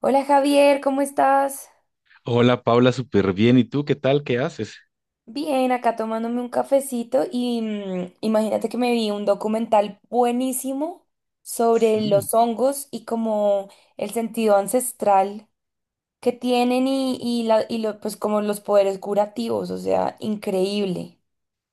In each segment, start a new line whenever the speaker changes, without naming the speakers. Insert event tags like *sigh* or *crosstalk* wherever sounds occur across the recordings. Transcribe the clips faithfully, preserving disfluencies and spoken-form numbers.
Hola Javier, ¿cómo estás?
Hola Paula, súper bien. ¿Y tú qué tal? ¿Qué haces?
Bien, acá tomándome un cafecito y mm, imagínate que me vi un documental buenísimo sobre
Sí.
los hongos y como el sentido ancestral que tienen y, y, la- y lo- pues como los poderes curativos, o sea, increíble.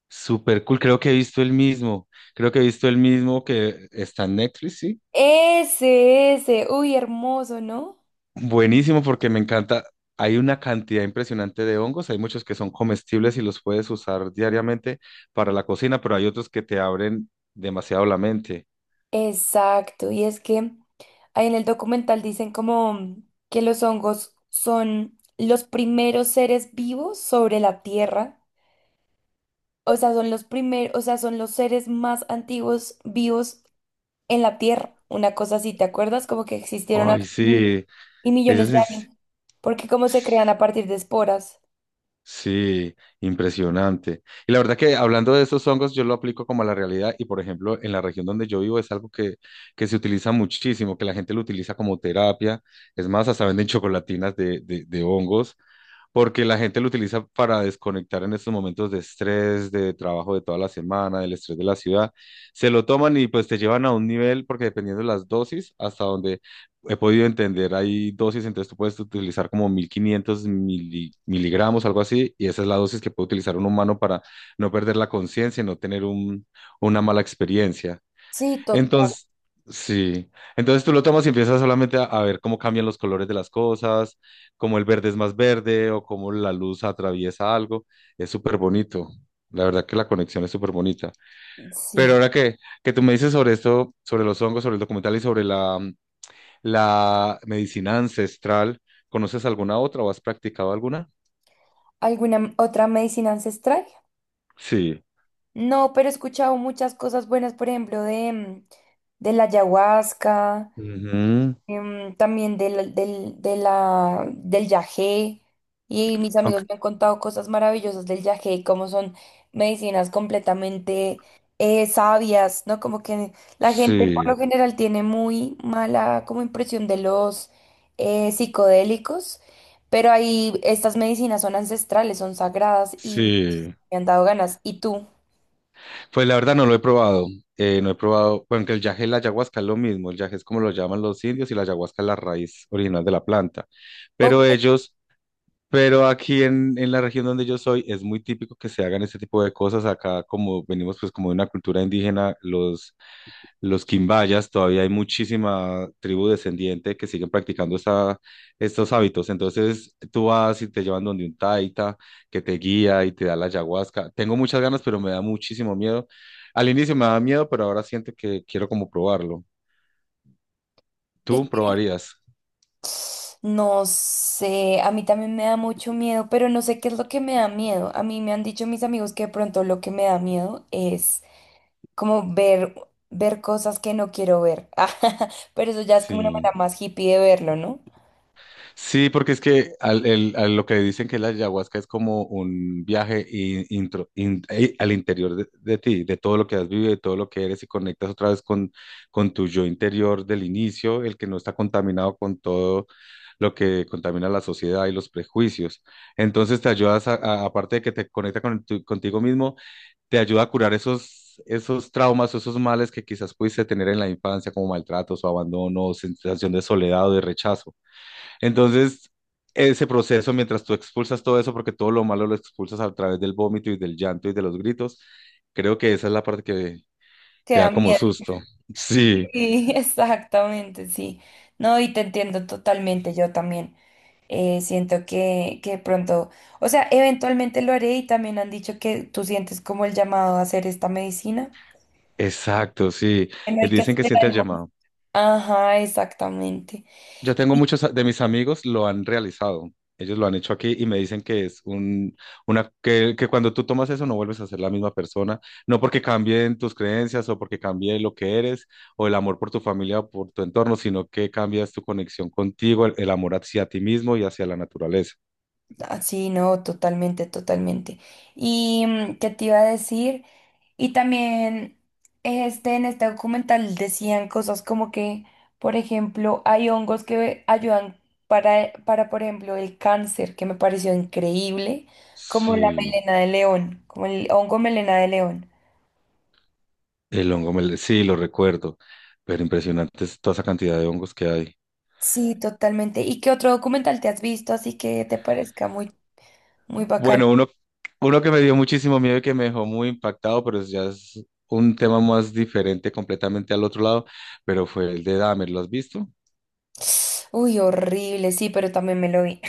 Súper cool. Creo que he visto el mismo. Creo que he visto el mismo que está en Netflix, ¿sí?
Ese, ese, uy, hermoso, ¿no?
Buenísimo porque me encanta. Hay una cantidad impresionante de hongos. Hay muchos que son comestibles y los puedes usar diariamente para la cocina, pero hay otros que te abren demasiado la mente.
Exacto, y es que ahí en el documental dicen como que los hongos son los primeros seres vivos sobre la Tierra, o sea, son los primeros, o sea, son los seres más antiguos vivos en la Tierra, una cosa así, ¿te acuerdas? Como que existieron
Ay,
hace mil
sí.
y
Eso
millones de años, porque como se
sí.
crean a partir de esporas.
Sí, impresionante. Y la verdad que hablando de esos hongos, yo lo aplico como a la realidad y, por ejemplo, en la región donde yo vivo es algo que, que se utiliza muchísimo, que la gente lo utiliza como terapia. Es más, hasta venden *laughs* chocolatinas de, de, de hongos porque la gente lo utiliza para desconectar en estos momentos de estrés, de trabajo de toda la semana, del estrés de la ciudad. Se lo toman y pues te llevan a un nivel, porque dependiendo de las dosis, hasta donde he podido entender, hay dosis, entonces tú puedes utilizar como mil quinientos mili- miligramos, algo así, y esa es la dosis que puede utilizar un humano para no perder la conciencia y no tener un- una mala experiencia.
Sí, total,
Entonces, sí. Entonces tú lo tomas y empiezas solamente a, a ver cómo cambian los colores de las cosas, cómo el verde es más verde o cómo la luz atraviesa algo. Es súper bonito. La verdad que la conexión es súper bonita. Pero
sí.
ahora que, que tú me dices sobre esto, sobre los hongos, sobre el documental y sobre la, la medicina ancestral, ¿conoces alguna otra o has practicado alguna?
¿Alguna otra medicina ancestral?
Sí.
No, pero he escuchado muchas cosas buenas, por ejemplo, de, mm, de la ayahuasca,
Ujú.
em, también del, del, de la, del yagé. Y mis amigos
Aunque-
me han contado cosas maravillosas del yagé, como son medicinas completamente eh, sabias, ¿no? Como que la gente por
sí,
lo general tiene muy mala como impresión de los eh, psicodélicos, pero ahí estas medicinas son ancestrales, son sagradas y
sí.
me han dado ganas. ¿Y tú?
Pues la verdad no lo he probado. eh, no he probado, bueno, que el yaje y la ayahuasca es lo mismo. El yaje es como lo llaman los indios y la ayahuasca es la raíz original de la planta.
Ok.
Pero ellos, pero aquí en, en la región donde yo soy es muy típico que se hagan este tipo de cosas. Acá como venimos pues como de una cultura indígena, los los quimbayas, todavía hay muchísima tribu descendiente que siguen practicando esta- estos hábitos. Entonces tú vas y te llevan donde un taita que te guía y te da la ayahuasca. Tengo muchas ganas, pero me da muchísimo miedo. Al inicio me da miedo, pero ahora siento que quiero como probarlo.
¿Y
¿Tú probarías?
No sé, a mí también me da mucho miedo, pero no sé qué es lo que me da miedo. A mí me han dicho mis amigos que de pronto lo que me da miedo es como ver, ver cosas que no quiero ver. *laughs* Pero eso ya es como una manera
Sí.
más hippie de verlo, ¿no?
Sí, porque es que al, el- a lo que dicen que la ayahuasca es como un viaje in- intro- in- eh, al interior de, de ti, de todo lo que has vivido, de todo lo que eres y conectas otra vez con, con tu yo interior del inicio, el que no está contaminado con todo lo que contamina la sociedad y los prejuicios. Entonces te ayudas, a, a- aparte de que te conecta con tu- contigo mismo, te ayuda a curar esos, esos traumas, o esos males que quizás pudiste tener en la infancia, como maltratos o abandono, o sensación de soledad o de rechazo. Entonces, ese proceso, mientras tú expulsas todo eso, porque todo lo malo lo expulsas a través del vómito y del llanto y de los gritos, creo que esa es la parte que,
Que
que
da
da como
miedo.
susto. Sí,
Sí, *laughs* exactamente, sí. No, y te entiendo totalmente, yo también. Eh, siento que, que de pronto, o sea, eventualmente lo haré y también han dicho que tú sientes como el llamado a hacer esta medicina.
exacto, sí.
Que no
Eh,
hay que
Dicen que siente el
esperar.
llamado.
Ajá, exactamente.
Yo tengo
Y,
muchos a- de mis amigos lo han realizado. Ellos lo han hecho aquí y me dicen que es un, una, que, que cuando tú tomas eso no vuelves a ser la misma persona. No porque cambien tus creencias o porque cambie lo que eres o el amor por tu familia o por tu entorno, sino que cambias tu conexión contigo, el, el amor hacia ti mismo y hacia la naturaleza.
ah, sí, no, totalmente, totalmente. ¿Y mm, qué te iba a decir? Y también este, en este documental decían cosas como que, por ejemplo, hay hongos que ayudan para, eh, para, por ejemplo, el cáncer, que me pareció increíble, como la
Sí,
melena de león, como el hongo melena de león.
el hongo, me- sí, lo recuerdo, pero impresionante es toda esa cantidad de hongos que hay.
Sí, totalmente. ¿Y qué otro documental te has visto así que te parezca muy, muy bacano?
Bueno, uno, uno que me dio muchísimo miedo y que me dejó muy impactado, pero es- ya es un tema más diferente completamente al otro lado, pero fue el de Dahmer, ¿lo has visto?
Uy, horrible, sí, pero también me lo vi.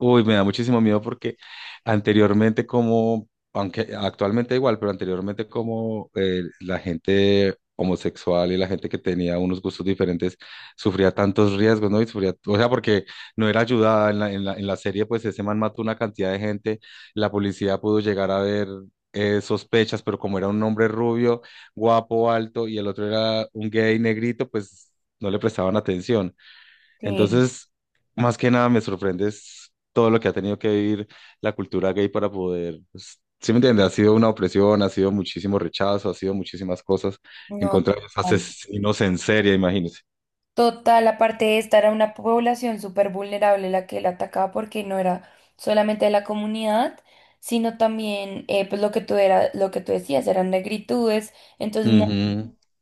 Uy, me da muchísimo miedo porque anteriormente como, aunque actualmente igual, pero anteriormente como eh, la gente homosexual y la gente que tenía unos gustos diferentes sufría tantos riesgos, ¿no? Y sufría, o sea, porque no era ayudada en la, en la, en la serie, pues ese man mató una cantidad de gente, la policía pudo llegar a ver eh, sospechas, pero como era un hombre rubio, guapo, alto, y el otro era un gay negrito, pues no le prestaban atención.
Sí,
Entonces, más que nada me sorprende es todo lo que ha tenido que vivir la cultura gay para poder, pues, ¿sí me entiendes? Ha sido una opresión, ha sido muchísimo rechazo, ha sido muchísimas cosas en
no,
contra de los
total.
asesinos en serie, imagínense.
Total, aparte de esta, era una población súper vulnerable la que él atacaba porque no era solamente de la comunidad, sino también, eh, pues lo que tú era, lo que tú decías, eran negritudes, entonces no-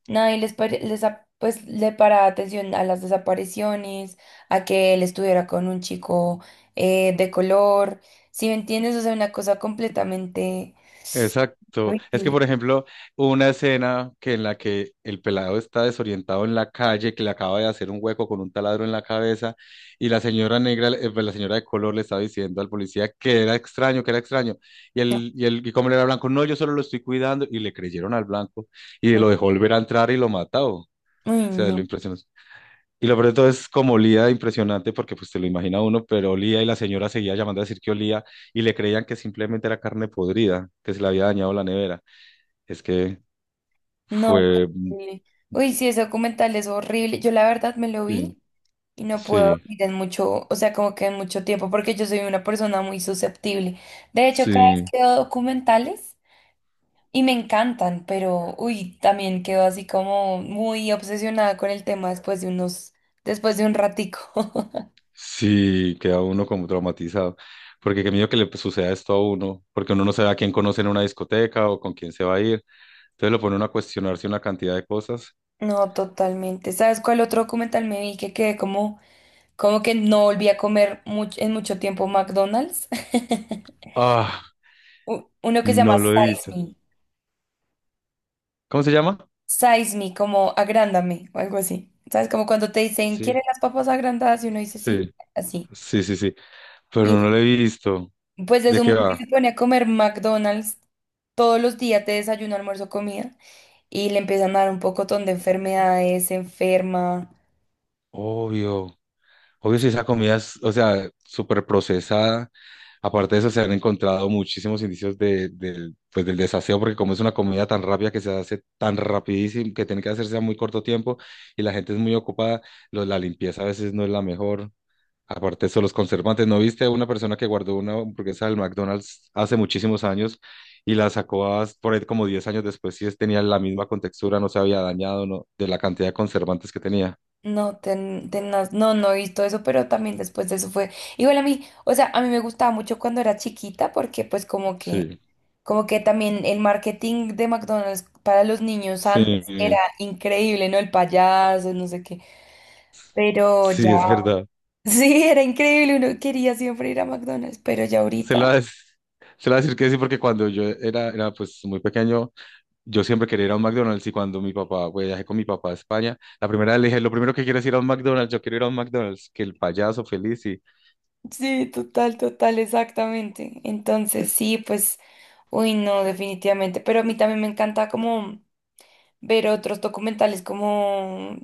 nadie les, pare- les a- pues, le paraba atención a las desapariciones, a que él estuviera con un chico eh, de color, si me entiendes, o sea, una cosa completamente
Exacto. Es que,
horrible.
por ejemplo, hubo una escena que en la que el pelado está desorientado en la calle, que le acaba de hacer un hueco con un taladro en la cabeza, y la señora negra, eh, pues, la señora de color le estaba diciendo al policía que era extraño, que era extraño. Y el,
*laughs*
y el, y como él era blanco, no, yo solo lo estoy cuidando. Y le creyeron al blanco y lo dejó volver a entrar y lo mató. O
Uy, no.
sea, lo
No.
impresionó. Y lo peor de todo es como olía impresionante, porque pues te lo imagina uno, pero olía y la señora seguía llamando a decir que olía y le creían que simplemente era carne podrida, que se le había dañado la nevera. Es que
No,
fue.
horrible. Uy, sí, ese documental es horrible. Yo la verdad me lo
Sí,
vi y no pude
sí,
dormir en mucho, o sea, como que en mucho tiempo, porque yo soy una persona muy susceptible. De hecho, cada vez
sí,
que veo documentales y me encantan, pero uy, también quedo así como muy obsesionada con el tema después de unos, después de un ratico. *laughs*
sí, queda uno como traumatizado, porque qué miedo que le suceda esto a uno, porque uno no sabe a quién conoce en una discoteca o con quién se va a ir. Entonces lo pone uno a cuestionarse una cantidad de cosas.
No, totalmente. ¿Sabes cuál otro documental me vi que quedé como, como que no volví a comer much- en mucho tiempo McDonald's? *laughs*
Ah,
U- Uno que se llama
no lo he
Size
visto.
Me.
¿Cómo se llama?
Size me, como agrándame o algo así. ¿Sabes? Como cuando te dicen, ¿quieren
Sí,
las papas agrandadas? Y uno dice, sí,
sí,
así.
sí, sí, sí, pero
Y
no lo he visto.
pues es
¿De
un
qué
man que
va?
se pone a comer McDonald's todos los días de desayuno, almuerzo, comida. Y le empiezan a dar un pocotón de enfermedades, se enferma.
Obvio. Obvio si esa comida es, o sea, súper procesada. Aparte de eso, se han encontrado muchísimos indicios de, del, pues, del desaseo, porque como es una comida tan rápida que se hace tan rapidísimo, que tiene que hacerse a muy corto tiempo y la gente es muy ocupada, lo- la limpieza a veces no es la mejor. Aparte de eso, los conservantes. ¿No viste una persona que guardó una hamburguesa del McDonald's hace muchísimos años y la sacó a- por ahí como diez años después? Sí, tenía la misma contextura, no se había dañado, no, de la cantidad de conservantes que tenía.
No, ten, tenaz, no, no he visto eso, pero también después de eso fue. Igual a mí, o sea, a mí me gustaba mucho cuando era chiquita, porque pues como que,
Sí.
como que también el marketing de McDonald's para los niños
Sí,
antes era increíble, ¿no? El payaso, no sé qué. Pero ya,
sí, es verdad.
*laughs* sí, era increíble, uno quería siempre ir a McDonald's, pero ya
Se
ahorita,
la *laughs* des- se la voy a decir que sí, porque cuando yo era, era pues muy pequeño, yo siempre quería ir a un McDonald's y cuando mi papá, pues, viajé con mi papá a España, la primera vez le dije, lo primero que quiero es ir a un McDonald's, yo quiero ir a un McDonald's, que el payaso feliz y
sí, total, total, exactamente. Entonces, sí, pues, uy, no, definitivamente. Pero a mí también me encanta como ver otros documentales como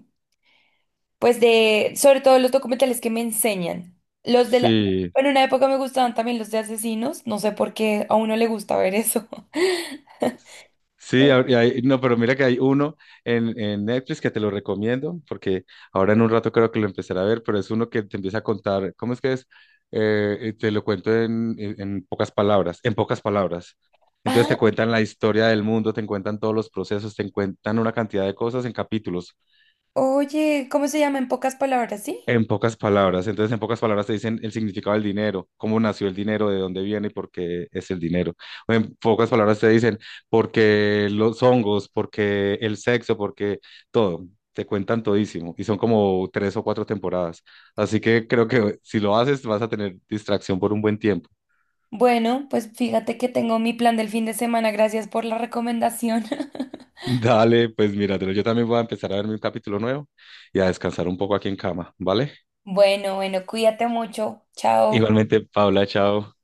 pues de, sobre todo los documentales que me enseñan. Los de la,
sí.
bueno, en una época me gustaban también los de asesinos, no sé por qué a uno le gusta ver eso. *laughs*
Sí,
Pero,
a- y hay- no, pero mira que hay uno en, en Netflix que te lo recomiendo, porque ahora en un rato creo que lo empezaré a ver, pero es uno que te empieza a contar, ¿cómo es que es? Eh, eh, te lo cuento en, en- en pocas palabras, en pocas palabras. Entonces
ah,
te cuentan la historia del mundo, te cuentan todos los procesos, te cuentan una cantidad de cosas en capítulos.
oye, ¿cómo se llama en pocas palabras, sí?
En pocas palabras, entonces en pocas palabras te dicen el significado del dinero, cómo nació el dinero, de dónde viene y por qué es el dinero. O en pocas palabras te dicen por qué los hongos, por qué el sexo, por qué todo. Te cuentan todísimo y son como tres o cuatro temporadas. Así que creo que si lo haces vas a tener distracción por un buen tiempo.
Bueno, pues fíjate que tengo mi plan del fin de semana, gracias por la recomendación. *laughs*
*laughs* Dale, pues míratelo. Yo también voy a empezar a verme un capítulo nuevo y a descansar un poco aquí en cama, ¿vale?
Bueno, bueno, cuídate mucho, chao.
Igualmente, Paula, chao.